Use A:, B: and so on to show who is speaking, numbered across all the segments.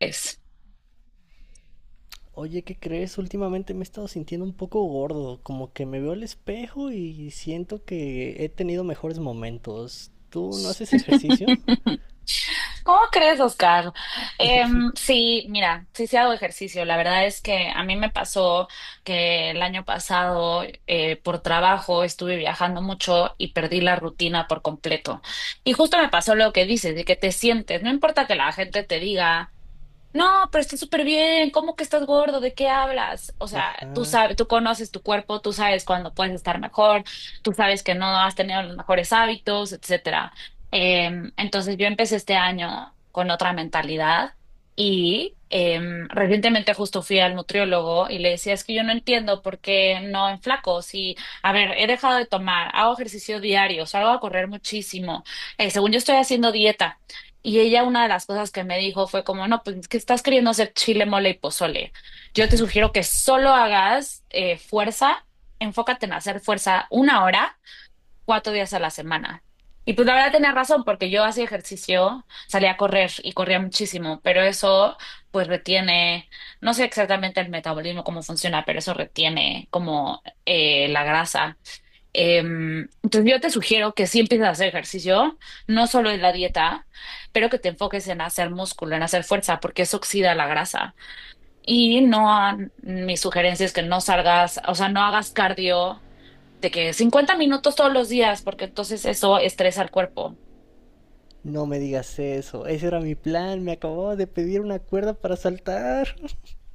A: Es.
B: Oye, ¿qué crees? Últimamente me he estado sintiendo un poco gordo, como que me veo al espejo y siento que he tenido mejores momentos. ¿Tú no haces ejercicio?
A: ¿Cómo crees, Oscar? Sí, mira, sí, sí hago ejercicio. La verdad es que a mí me pasó que el año pasado por trabajo estuve viajando mucho y perdí la rutina por completo. Y justo me pasó lo que dices, de que te sientes, no importa que la gente te diga. No, pero está súper bien. ¿Cómo que estás gordo? ¿De qué hablas? O sea, tú
B: Ajá.
A: sabes, tú conoces tu cuerpo, tú sabes cuándo puedes estar mejor, tú sabes que no has tenido los mejores hábitos, etcétera. Entonces yo empecé este año con otra mentalidad y recientemente justo fui al nutriólogo y le decía, es que yo no entiendo por qué no enflaco. Si, a ver, he dejado de tomar, hago ejercicio diario, salgo a correr muchísimo, según yo estoy haciendo dieta. Y ella una de las cosas que me dijo fue como, no, pues que estás queriendo hacer chile, mole y pozole. Yo te sugiero que solo hagas fuerza, enfócate en hacer fuerza una hora, 4 días a la semana. Y pues la verdad tenía razón, porque yo hacía ejercicio, salía a correr y corría muchísimo, pero eso pues retiene, no sé exactamente el metabolismo, cómo funciona, pero eso retiene como la grasa. Entonces yo te sugiero que sí empieces a hacer ejercicio, no solo en la dieta, pero que te enfoques en hacer músculo, en hacer fuerza, porque eso oxida la grasa. Y no, mi sugerencia es que no salgas, o sea, no hagas cardio de que 50 minutos todos los días, porque entonces eso estresa al cuerpo.
B: No me digas eso. Ese era mi plan. Me acababa de pedir una cuerda para saltar.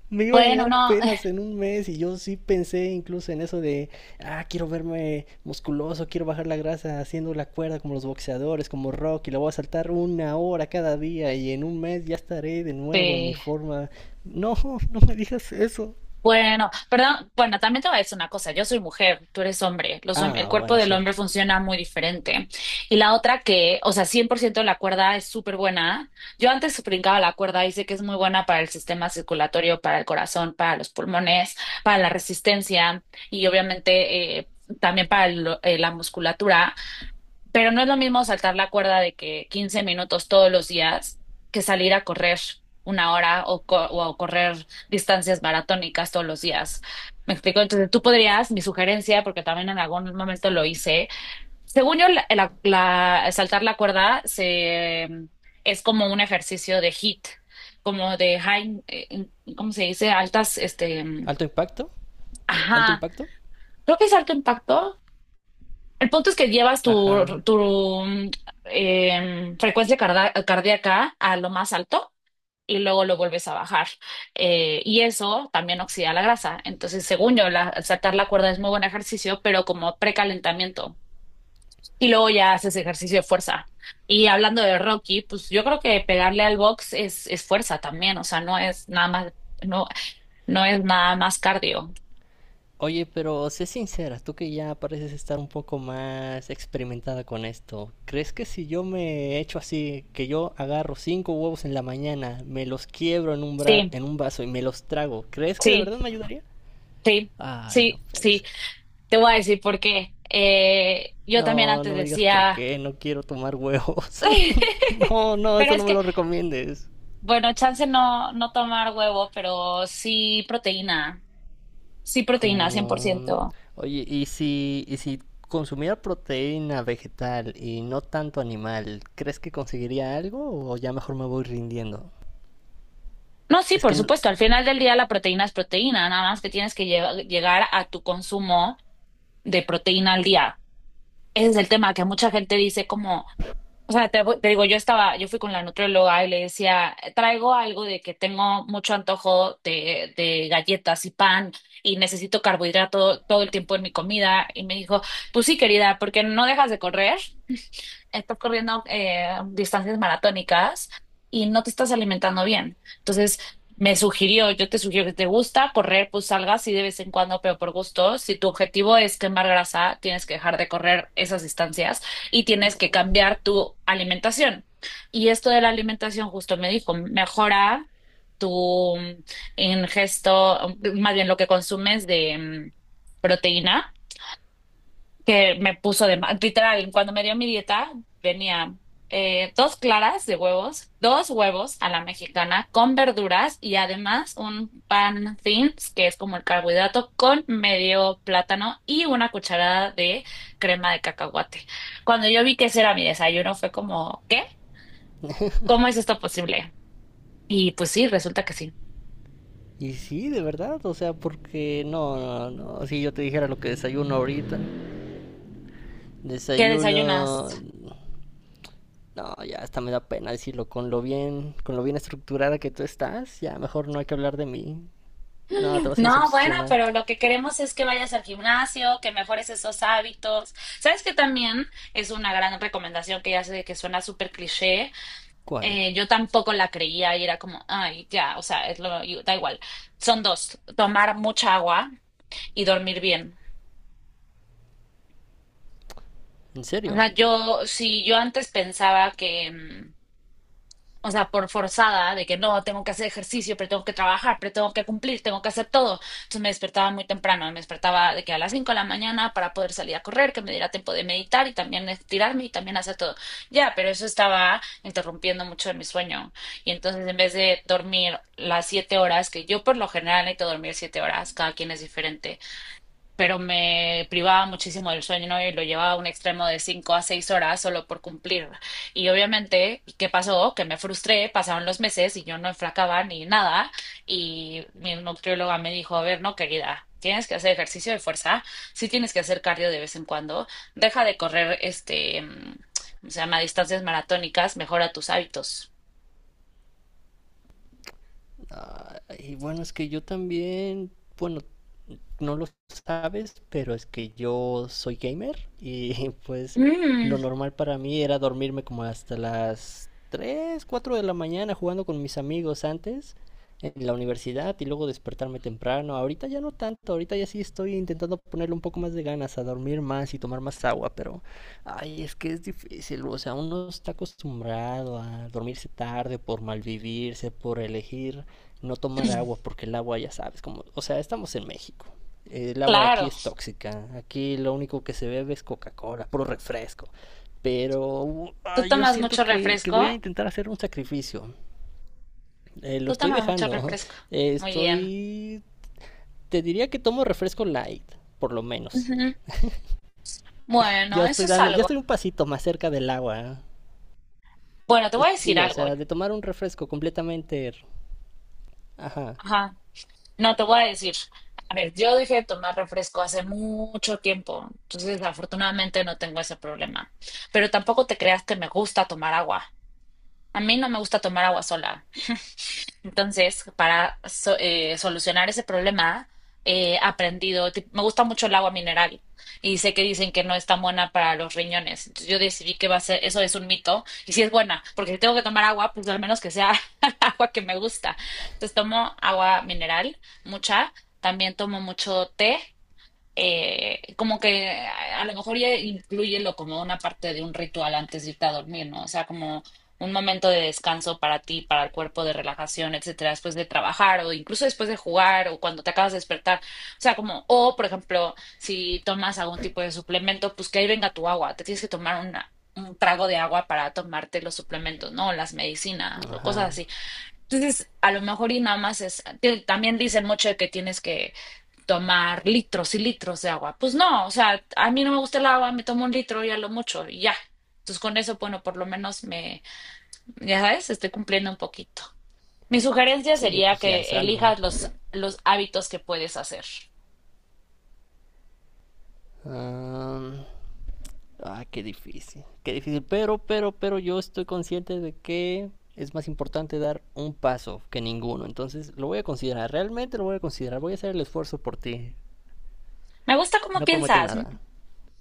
B: Me iba a
A: Bueno,
B: llegar
A: no,
B: apenas en un mes y yo sí pensé incluso en eso de, ah, quiero verme musculoso, quiero bajar la grasa haciendo la cuerda como los boxeadores, como Rocky, la voy a saltar una hora cada día y en un mes ya estaré de nuevo en mi forma. No, no me digas eso.
A: Bueno, perdón, bueno, también te voy a decir una cosa, yo soy mujer, tú eres hombre, los, el
B: Ah,
A: cuerpo
B: bueno,
A: del hombre
B: cierto.
A: funciona muy diferente. Y la otra que, o sea, 100% la cuerda es súper buena. Yo antes brincaba la cuerda y sé que es muy buena para el sistema circulatorio, para el corazón, para los pulmones, para la resistencia y obviamente también para la musculatura. Pero no es lo mismo saltar la cuerda de que 15 minutos todos los días que salir a correr una hora o correr distancias maratónicas todos los días. ¿Me explico? Entonces tú podrías, mi sugerencia, porque también en algún momento lo hice, según yo, saltar la cuerda es como un ejercicio de HIIT, como de high, ¿cómo se dice? Altas,
B: ¿Alto impacto? ¿Alto
A: ajá,
B: impacto?
A: creo que es alto impacto, el punto es que llevas tu,
B: Ajá.
A: tu mm, frecuencia cardíaca a lo más alto y luego lo vuelves a bajar. Y eso también oxida la grasa. Entonces, según yo, la, saltar la cuerda es muy buen ejercicio, pero como precalentamiento. Y luego ya haces ejercicio de fuerza. Y hablando de Rocky, pues yo creo que pegarle al box es fuerza también. O sea, no, no es nada más cardio.
B: Oye, pero sé sincera, tú que ya pareces estar un poco más experimentada con esto, ¿crees que si yo me echo así, que yo agarro cinco huevos en la mañana, me los quiebro
A: Sí,
B: en un vaso y me los trago, ¿crees que de verdad
A: sí,
B: me ayudaría?
A: sí,
B: Ay, no
A: sí,
B: puede
A: sí.
B: ser.
A: Te voy a decir por qué. Yo también
B: No,
A: antes
B: no me digas por
A: decía,
B: qué, no quiero tomar huevos. No, no,
A: pero
B: eso
A: es
B: no me
A: que,
B: lo recomiendes.
A: bueno, chance no, tomar huevo, pero sí proteína, cien por
B: Como,
A: ciento.
B: oye, ¿y si consumiera proteína vegetal y no tanto animal, ¿crees que conseguiría algo o ya mejor me voy rindiendo?
A: No, sí,
B: Es que,
A: por supuesto, al final del día la proteína es proteína, nada más que tienes que llegar a tu consumo de proteína al día. Ese es el tema que mucha gente dice como... O sea, te digo, yo fui con la nutrióloga y le decía, traigo algo de que tengo mucho antojo de, galletas y pan y necesito carbohidrato todo el tiempo en mi comida. Y me dijo, pues sí, querida, porque no dejas de correr estás corriendo distancias maratónicas y no te estás alimentando bien. Entonces, me sugirió, yo te sugiero que te gusta correr, pues salgas y de vez en cuando, pero por gusto. Si tu objetivo es quemar grasa, tienes que dejar de correr esas distancias y tienes que
B: no,
A: cambiar tu alimentación. Y esto de la alimentación, justo me dijo, mejora tu ingesto, más bien lo que consumes de proteína que me puso de mal. Literal, cuando me dio mi dieta, venía dos claras de huevos, dos huevos a la mexicana con verduras y además un pan thins, que es como el carbohidrato, con medio plátano y una cucharada de crema de cacahuate. Cuando yo vi que ese era mi desayuno, fue como, ¿qué? ¿Cómo es esto posible? Y pues sí, resulta que sí.
B: y sí, de verdad, o sea, porque no, no, no, si yo te dijera lo que desayuno ahorita,
A: ¿Qué
B: desayuno,
A: desayunas?
B: no, ya hasta me da pena decirlo, con lo bien estructurada que tú estás, ya mejor no hay que hablar de mí, no, te vas a
A: No, bueno,
B: decepcionar.
A: pero lo que queremos es que vayas al gimnasio, que mejores esos hábitos. ¿Sabes que también es una gran recomendación que ya sé que suena súper cliché?
B: ¿Cuál?
A: Yo tampoco la creía y era como, ay, ya, o sea, es lo, da igual. Son dos, tomar mucha agua y dormir bien.
B: ¿En
A: O
B: serio?
A: sea, yo, si yo antes pensaba que, o sea, por forzada de que no, tengo que hacer ejercicio, pero tengo que trabajar, pero tengo que cumplir, tengo que hacer todo. Entonces me despertaba muy temprano, me despertaba de que a las 5 de la mañana para poder salir a correr, que me diera tiempo de meditar y también estirarme y también hacer todo. Ya, pero eso estaba interrumpiendo mucho de mi sueño. Y entonces en vez de dormir las 7 horas, que yo por lo general necesito dormir 7 horas, cada quien es diferente, pero me privaba muchísimo del sueño, ¿no? Y lo llevaba a un extremo de 5 a 6 horas solo por cumplir. Y obviamente, ¿qué pasó? Que me frustré, pasaron los meses y yo no enflacaba ni nada. Y mi nutrióloga me dijo, a ver, no, querida. Tienes que hacer ejercicio de fuerza, sí tienes que hacer cardio de vez en cuando, deja de correr ¿cómo se llama? Distancias maratónicas, mejora tus hábitos.
B: Y bueno, es que yo también, bueno, no lo sabes, pero es que yo soy gamer y pues
A: Mm,
B: lo normal para mí era dormirme como hasta las 3 o 4 de la mañana jugando con mis amigos antes en la universidad y luego despertarme temprano. Ahorita ya no tanto, ahorita ya sí estoy intentando ponerle un poco más de ganas a dormir más y tomar más agua, pero ay, es que es difícil, o sea, uno está acostumbrado a dormirse tarde por malvivirse, por elegir no tomar agua porque el agua ya sabes, como, o sea, estamos en México. El agua aquí
A: claro.
B: es tóxica. Aquí lo único que se bebe es Coca-Cola, puro refresco. Pero
A: ¿Tú
B: ah, yo
A: tomas
B: siento
A: mucho
B: que
A: refresco?
B: voy a intentar hacer un sacrificio. Lo
A: ¿Tú
B: estoy
A: tomas mucho
B: dejando.
A: refresco? Muy bien.
B: Estoy... Te diría que tomo refresco light, por lo menos. Ya
A: Bueno, eso
B: estoy
A: es
B: dando, ya
A: algo.
B: estoy un pasito más cerca del agua.
A: Bueno, te voy a decir
B: Sí, o
A: algo.
B: sea, de tomar un refresco completamente... Ajá,
A: Ajá. No, te voy a decir. A ver, yo dejé de tomar refresco hace mucho tiempo, entonces afortunadamente no tengo ese problema. Pero tampoco te creas que me gusta tomar agua. A mí no me gusta tomar agua sola. Entonces, para solucionar ese problema, he aprendido, me gusta mucho el agua mineral y sé que dicen que no es tan buena para los riñones. Entonces, yo decidí que va a ser, eso es un mito y sí es buena, porque si tengo que tomar agua, pues al menos que sea agua que me gusta. Entonces, tomo agua mineral, mucha. También tomo mucho té como que a lo mejor ya incluyelo como una parte de un ritual antes de irte a dormir, ¿no? O sea, como un momento de descanso para ti, para el cuerpo, de relajación, etcétera, después de trabajar o incluso después de jugar o cuando te acabas de despertar. O sea, como, o por ejemplo, si tomas algún tipo de suplemento, pues que ahí venga tu agua, te tienes que tomar una, un trago de agua para tomarte los suplementos, ¿no? Las medicinas o
B: ajá.
A: cosas así. Entonces, a lo mejor y nada más es, también dicen mucho de que tienes que tomar litros y litros de agua. Pues no, o sea, a mí no me gusta el agua, me tomo un litro y a lo mucho y ya. Entonces con eso, bueno, por lo menos me, ya sabes, estoy cumpliendo un poquito. Mi sugerencia
B: Sí,
A: sería
B: pues ya es
A: que
B: algo.
A: elijas los hábitos que puedes hacer.
B: Ah, ah, qué difícil, qué difícil. Pero yo estoy consciente de que es más importante dar un paso que ninguno. Entonces lo voy a considerar, realmente lo voy a considerar. Voy a hacer el esfuerzo por ti.
A: Me gusta cómo
B: No prometo
A: piensas.
B: nada.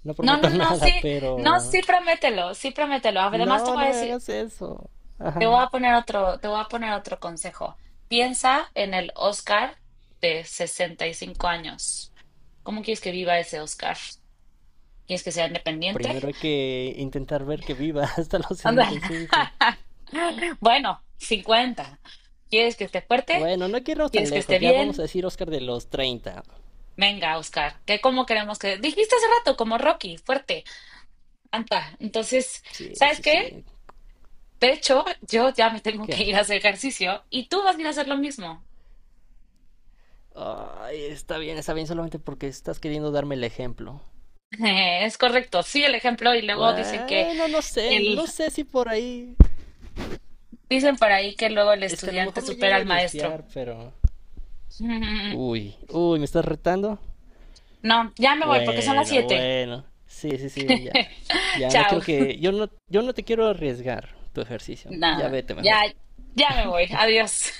B: No
A: No,
B: prometo
A: no, no,
B: nada,
A: sí,
B: pero...
A: no, sí, promételo, sí, promételo. Además te
B: No,
A: voy
B: no
A: a
B: me
A: decir,
B: hagas eso.
A: te
B: Ajá.
A: voy a poner otro, te voy a poner otro consejo. Piensa en el Oscar de 65 años. ¿Cómo quieres que viva ese Oscar? ¿Quieres que sea independiente?
B: Primero hay que intentar ver que viva hasta los sesenta
A: Ándale.
B: y cinco.
A: Bueno, 50. ¿Quieres que esté fuerte?
B: Bueno, no hay que irnos
A: ¿Quieres
B: tan
A: que esté
B: lejos. Ya vamos
A: bien?
B: a decir Oscar de los 30.
A: Venga, Oscar, ¿qué cómo queremos que...? Dijiste hace rato, como Rocky, fuerte, anda. Entonces,
B: Sí,
A: ¿sabes
B: sí,
A: qué?
B: sí.
A: De hecho, yo ya me tengo
B: ¿Qué?
A: que ir a hacer ejercicio y tú vas a ir a hacer lo mismo.
B: Ay, está bien, solamente porque estás queriendo darme el ejemplo.
A: Es correcto, sí, el ejemplo. Y luego dicen que
B: Bueno, no sé,
A: el...
B: no sé si por ahí.
A: Dicen por ahí que luego el
B: Es que a lo
A: estudiante
B: mejor me
A: supera
B: llego a
A: al maestro.
B: desfiar, pero. Uy, uy, ¿me estás retando?
A: No, ya me voy porque son las
B: Bueno,
A: 7.
B: bueno. Sí, sí, sí, ya. Ya no
A: Chao.
B: quiero que. Yo no te quiero arriesgar tu ejercicio. Ya
A: Nada,
B: vete mejor.
A: ya, ya me voy. Adiós.